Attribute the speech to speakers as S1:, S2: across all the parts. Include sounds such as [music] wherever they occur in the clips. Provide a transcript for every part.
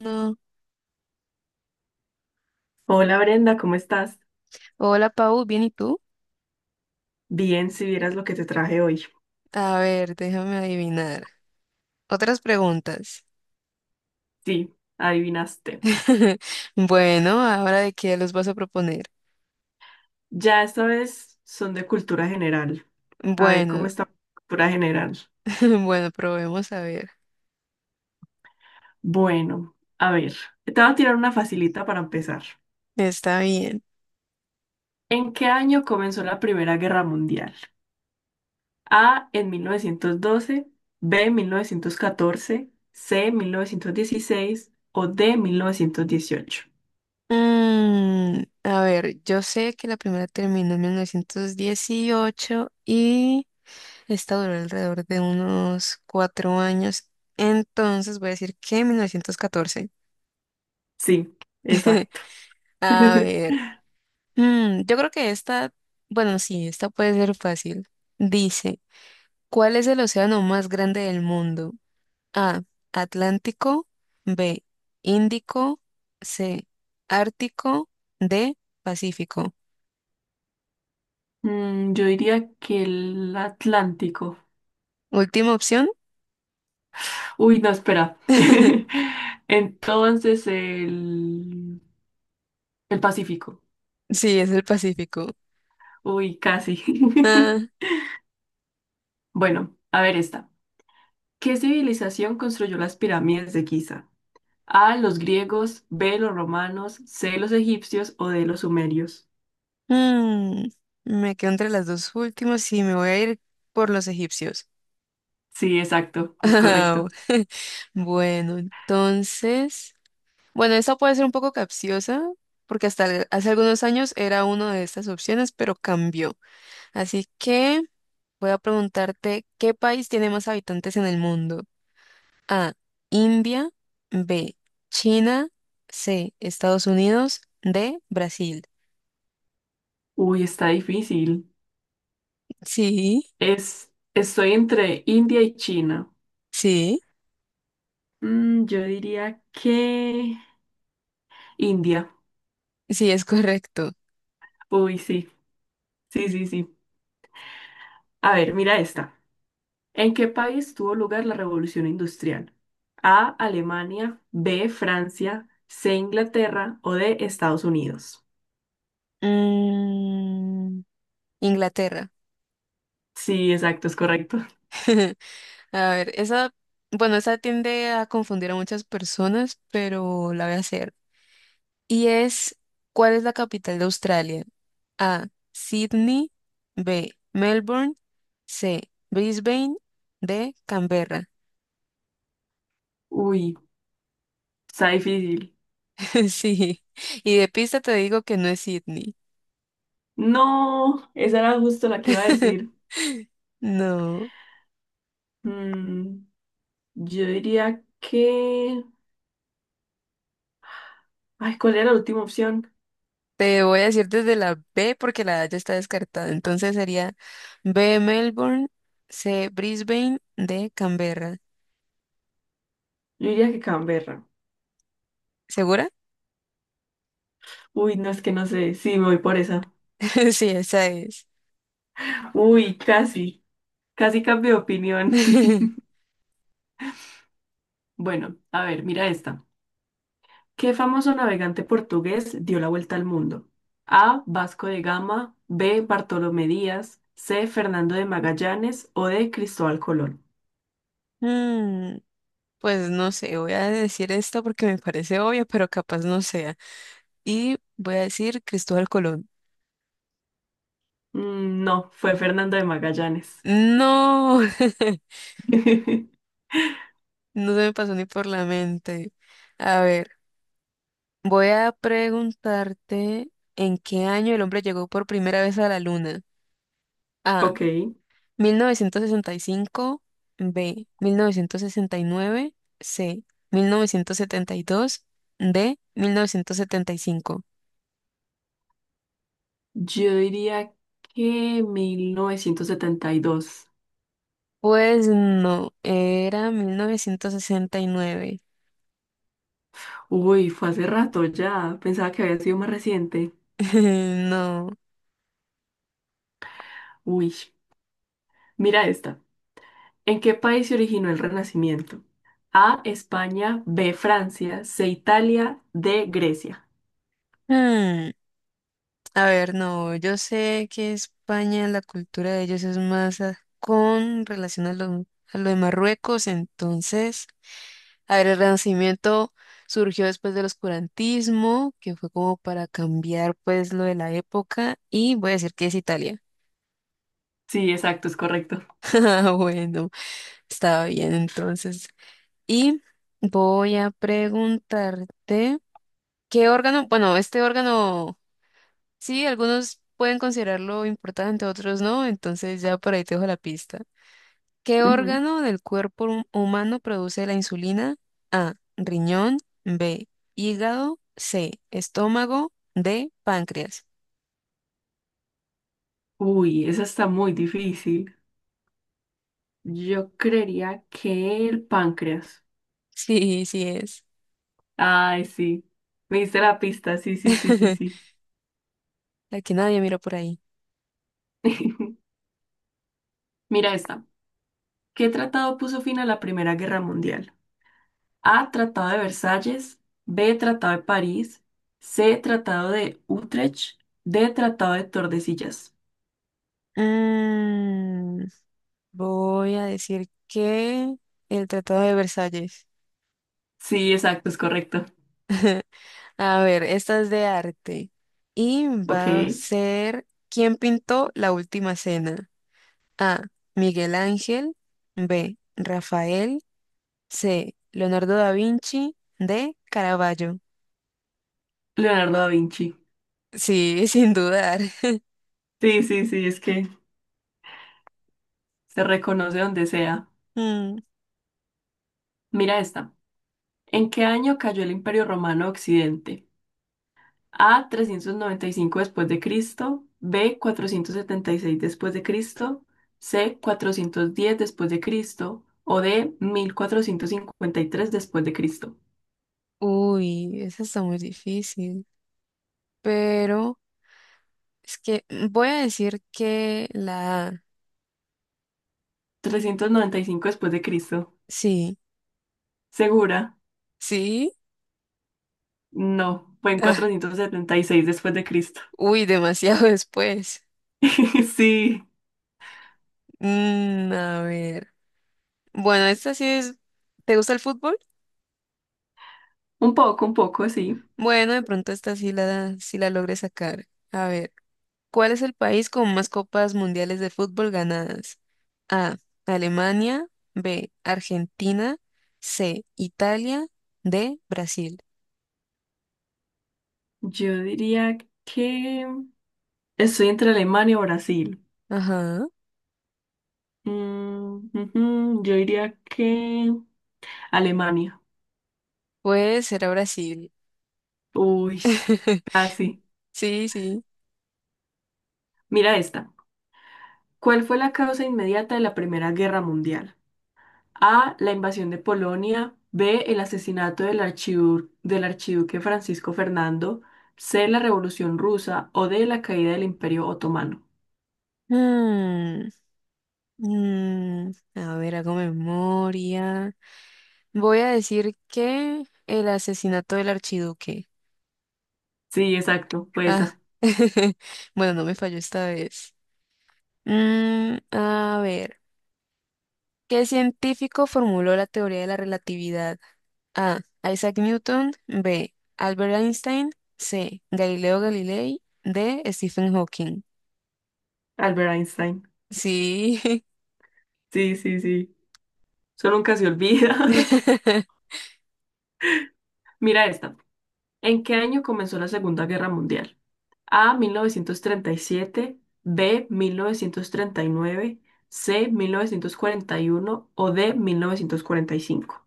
S1: No.
S2: Hola Brenda, ¿cómo estás?
S1: Hola, Pau, ¿bien y tú?
S2: Bien, si vieras lo que te traje hoy.
S1: A ver, déjame adivinar. Otras preguntas.
S2: Sí, adivinaste.
S1: [laughs] Bueno, ¿ahora de qué los vas a proponer?
S2: Ya esta vez son de cultura general. A ver, ¿cómo
S1: Bueno,
S2: está cultura general?
S1: [laughs] bueno, probemos a ver.
S2: Bueno, a ver, te voy a tirar una facilita para empezar.
S1: Está bien.
S2: ¿En qué año comenzó la Primera Guerra Mundial? A en 1912, B en 1914, C en 1916 o D en 1918.
S1: A ver, yo sé que la primera terminó en 1918 y esta duró alrededor de unos 4 años. Entonces voy a decir que 1914.
S2: Sí,
S1: [laughs]
S2: exacto.
S1: A
S2: [laughs]
S1: ver. Yo creo que esta, bueno, sí, esta puede ser fácil. Dice, ¿cuál es el océano más grande del mundo? A, Atlántico, B, Índico, C, Ártico, D, Pacífico.
S2: Mm, yo diría que el Atlántico.
S1: Última opción.
S2: Uy, no, espera.
S1: [laughs]
S2: [laughs] Entonces el Pacífico.
S1: Sí, es el Pacífico.
S2: Uy, casi.
S1: Ah,
S2: [laughs] Bueno, a ver esta. ¿Qué civilización construyó las pirámides de Giza? A, los griegos, B, los romanos, C, los egipcios o D, los sumerios.
S1: mm, me quedo entre las dos últimas y me voy a ir por los egipcios.
S2: Sí, exacto, es
S1: [laughs]
S2: correcto.
S1: Bueno, entonces... Bueno, esta puede ser un poco capciosa, porque hace algunos años era una de estas opciones, pero cambió. Así que voy a preguntarte, ¿qué país tiene más habitantes en el mundo? A, India, B, China, C, Estados Unidos, D, Brasil.
S2: Uy, está difícil.
S1: Sí,
S2: Estoy entre India y China.
S1: sí,
S2: Mm, yo diría que India.
S1: sí, es correcto.
S2: Uy, sí, sí, sí, sí. A ver, mira esta. ¿En qué país tuvo lugar la revolución industrial? A, Alemania, B, Francia, C, Inglaterra o D, Estados Unidos.
S1: Mm, Inglaterra.
S2: Sí, exacto, es correcto.
S1: [laughs] A ver, esa, bueno, esa tiende a confundir a muchas personas, pero la voy a hacer. Y es, ¿cuál es la capital de Australia? A. Sydney. B. Melbourne. C. Brisbane. D. Canberra.
S2: Uy, está difícil.
S1: [laughs] Sí. Y de pista te digo que no es Sydney.
S2: No, esa era justo la que iba a decir.
S1: [laughs] No.
S2: Mm, yo diría que... Ay, ¿cuál era la última opción?
S1: Te voy a decir desde la B porque la A ya está descartada. Entonces sería B. Melbourne. C. Brisbane. D. Canberra.
S2: Yo diría que Canberra.
S1: ¿Segura?
S2: Uy, no es que no sé. Sí, me voy por esa.
S1: [laughs] Sí, esa es.
S2: Uy, casi. Casi cambio de opinión. [laughs]
S1: [laughs]
S2: Bueno, a ver, mira esta. ¿Qué famoso navegante portugués dio la vuelta al mundo? A. Vasco de Gama. B. Bartolomé Díaz. C. Fernando de Magallanes. O D. Cristóbal Colón.
S1: Mm, Pues no sé, voy a decir esto porque me parece obvio, pero capaz no sea. Y voy a decir Cristóbal Colón.
S2: No, fue Fernando de Magallanes.
S1: No, [laughs]
S2: [laughs]
S1: no se me pasó ni por la mente. A ver, voy a preguntarte en qué año el hombre llegó por primera vez a la luna. A,
S2: Ok,
S1: 1965, B, 1969, C, 1972, D, 1975.
S2: yo diría que 1972.
S1: Pues no, era 1969.
S2: Uy, fue hace rato ya. Pensaba que había sido más reciente.
S1: [laughs] No.
S2: Uy, mira esta. ¿En qué país se originó el Renacimiento? A, España, B, Francia, C, Italia, D, Grecia.
S1: Hmm, A ver, no, yo sé que España, la cultura de ellos es más con relación a lo de Marruecos, entonces, a ver, el Renacimiento surgió después del oscurantismo, que fue como para cambiar pues lo de la época, y voy a decir que es Italia.
S2: Sí, exacto, es correcto.
S1: [laughs] Ah, bueno, estaba bien entonces. Y voy a preguntarte. ¿Qué órgano? Bueno, este órgano, sí, algunos pueden considerarlo importante, otros no, entonces ya por ahí te dejo la pista. ¿Qué
S2: Ujú.
S1: órgano del cuerpo humano produce la insulina? A, riñón, B, hígado, C, estómago, D, páncreas. [laughs]
S2: Uy, esa está muy difícil. Yo creería que el páncreas.
S1: Sí, sí es.
S2: Ay, sí. Me diste la pista. Sí, sí, sí, sí,
S1: [laughs]
S2: sí.
S1: Aquí nadie mira por ahí.
S2: [laughs] Mira esta. ¿Qué tratado puso fin a la Primera Guerra Mundial? A. Tratado de Versalles. B. Tratado de París. C. Tratado de Utrecht. D. Tratado de Tordesillas.
S1: Mm, Voy a decir que el Tratado de Versalles.
S2: Sí, exacto, es correcto.
S1: A ver, esta es de arte. Y
S2: Ok.
S1: va a ser, ¿quién pintó la última cena? A. Miguel Ángel. B. Rafael. C. Leonardo da Vinci. D. Caravaggio.
S2: Leonardo da Vinci.
S1: Sí, [laughs] sin dudar.
S2: Sí, sí, sí, es que se reconoce donde sea.
S1: Mm,
S2: Mira esta. ¿En qué año cayó el Imperio Romano a Occidente? A 395 después de Cristo, B 476 después de Cristo, C 410 después de Cristo o D 1453 después de Cristo.
S1: uy, esa está muy difícil. Pero es que voy a decir que la A.
S2: 395 después de Cristo.
S1: Sí,
S2: ¿Segura?
S1: sí.
S2: No, fue en
S1: Ah,
S2: 476 después de Cristo.
S1: uy, demasiado [laughs] después.
S2: [laughs] Sí,
S1: A ver. Bueno, esta sí es. ¿Te gusta el fútbol?
S2: un poco, sí.
S1: Bueno, de pronto esta sí la, sí la logré sacar. A ver, ¿cuál es el país con más copas mundiales de fútbol ganadas? A. Alemania. B. Argentina. C. Italia. D. Brasil.
S2: Yo diría que estoy entre Alemania o Brasil.
S1: Ajá.
S2: Ujú, yo diría que Alemania.
S1: Pues será Brasil.
S2: Uy, casi.
S1: [laughs] Sí, sí.
S2: Mira esta. ¿Cuál fue la causa inmediata de la Primera Guerra Mundial? A. La invasión de Polonia. B. El asesinato del archiduque Francisco Fernando. C. La Revolución Rusa. O D. La caída del Imperio Otomano.
S1: Mm, a ver, hago memoria. Voy a decir que el asesinato del archiduque.
S2: Sí, exacto. Fue
S1: Ah,
S2: esa.
S1: [laughs] bueno, no me falló esta vez. A ver, ¿qué científico formuló la teoría de la relatividad? A. Isaac Newton. B. Albert Einstein. C. Galileo Galilei. D. Stephen Hawking.
S2: Albert Einstein.
S1: Sí.
S2: Sí, sí, sí. Eso nunca se olvida.
S1: [laughs]
S2: [laughs] Mira esta. ¿En qué año comenzó la Segunda Guerra Mundial? A, 1937, B, 1939, C, 1941 o D, 1945.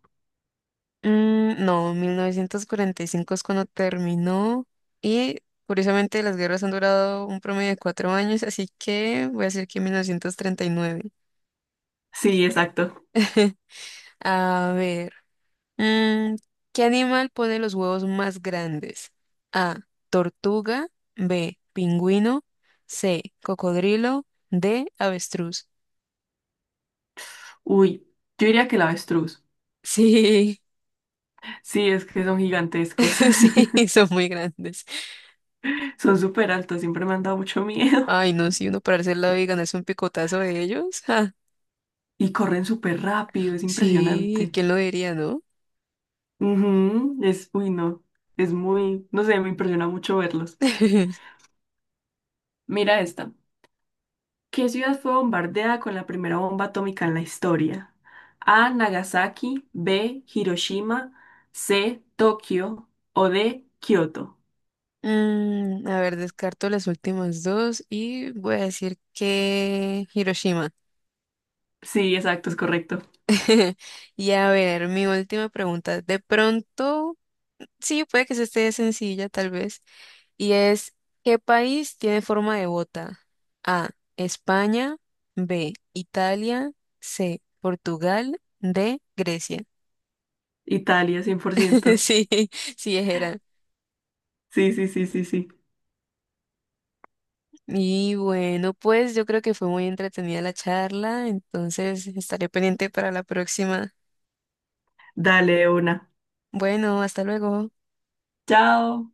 S1: Mm, no, 1945 es cuando terminó y curiosamente las guerras han durado un promedio de 4 años, así que voy a decir que 1939.
S2: Sí, exacto.
S1: [laughs] A ver. Mm, ¿Qué animal pone los huevos más grandes? A, tortuga, B, pingüino, C, cocodrilo, D, avestruz.
S2: Uy, yo diría que el avestruz.
S1: Sí,
S2: Sí, es que son gigantescos.
S1: [laughs]
S2: [laughs]
S1: sí, son muy grandes.
S2: Son súper altos, siempre me han dado mucho miedo.
S1: Ay, no, si uno para hacer la y ganarse un picotazo de ellos. Ja.
S2: Y corren súper rápido, es
S1: Sí,
S2: impresionante.
S1: ¿quién lo diría, no?
S2: Ujú, uy, no, es muy, no sé, me impresiona mucho verlos.
S1: [laughs]
S2: Mira esta. ¿Qué ciudad fue bombardeada con la primera bomba atómica en la historia? A. Nagasaki, B. Hiroshima, C. Tokio o D. Kioto.
S1: Mm, a ver, descarto las últimas dos y voy a decir que Hiroshima.
S2: Sí, exacto, es correcto.
S1: [laughs] Y a ver, mi última pregunta. De pronto... Sí, puede que se esté sencilla, tal vez. Y es, ¿qué país tiene forma de bota? A, España, B, Italia, C, Portugal, D, Grecia.
S2: Italia, cien por
S1: [laughs]
S2: ciento.
S1: Sí, sí, era.
S2: Sí, sí, sí, sí, sí.
S1: Y bueno, pues yo creo que fue muy entretenida la charla, entonces estaré pendiente para la próxima.
S2: Dale una.
S1: Bueno, hasta luego.
S2: Chao.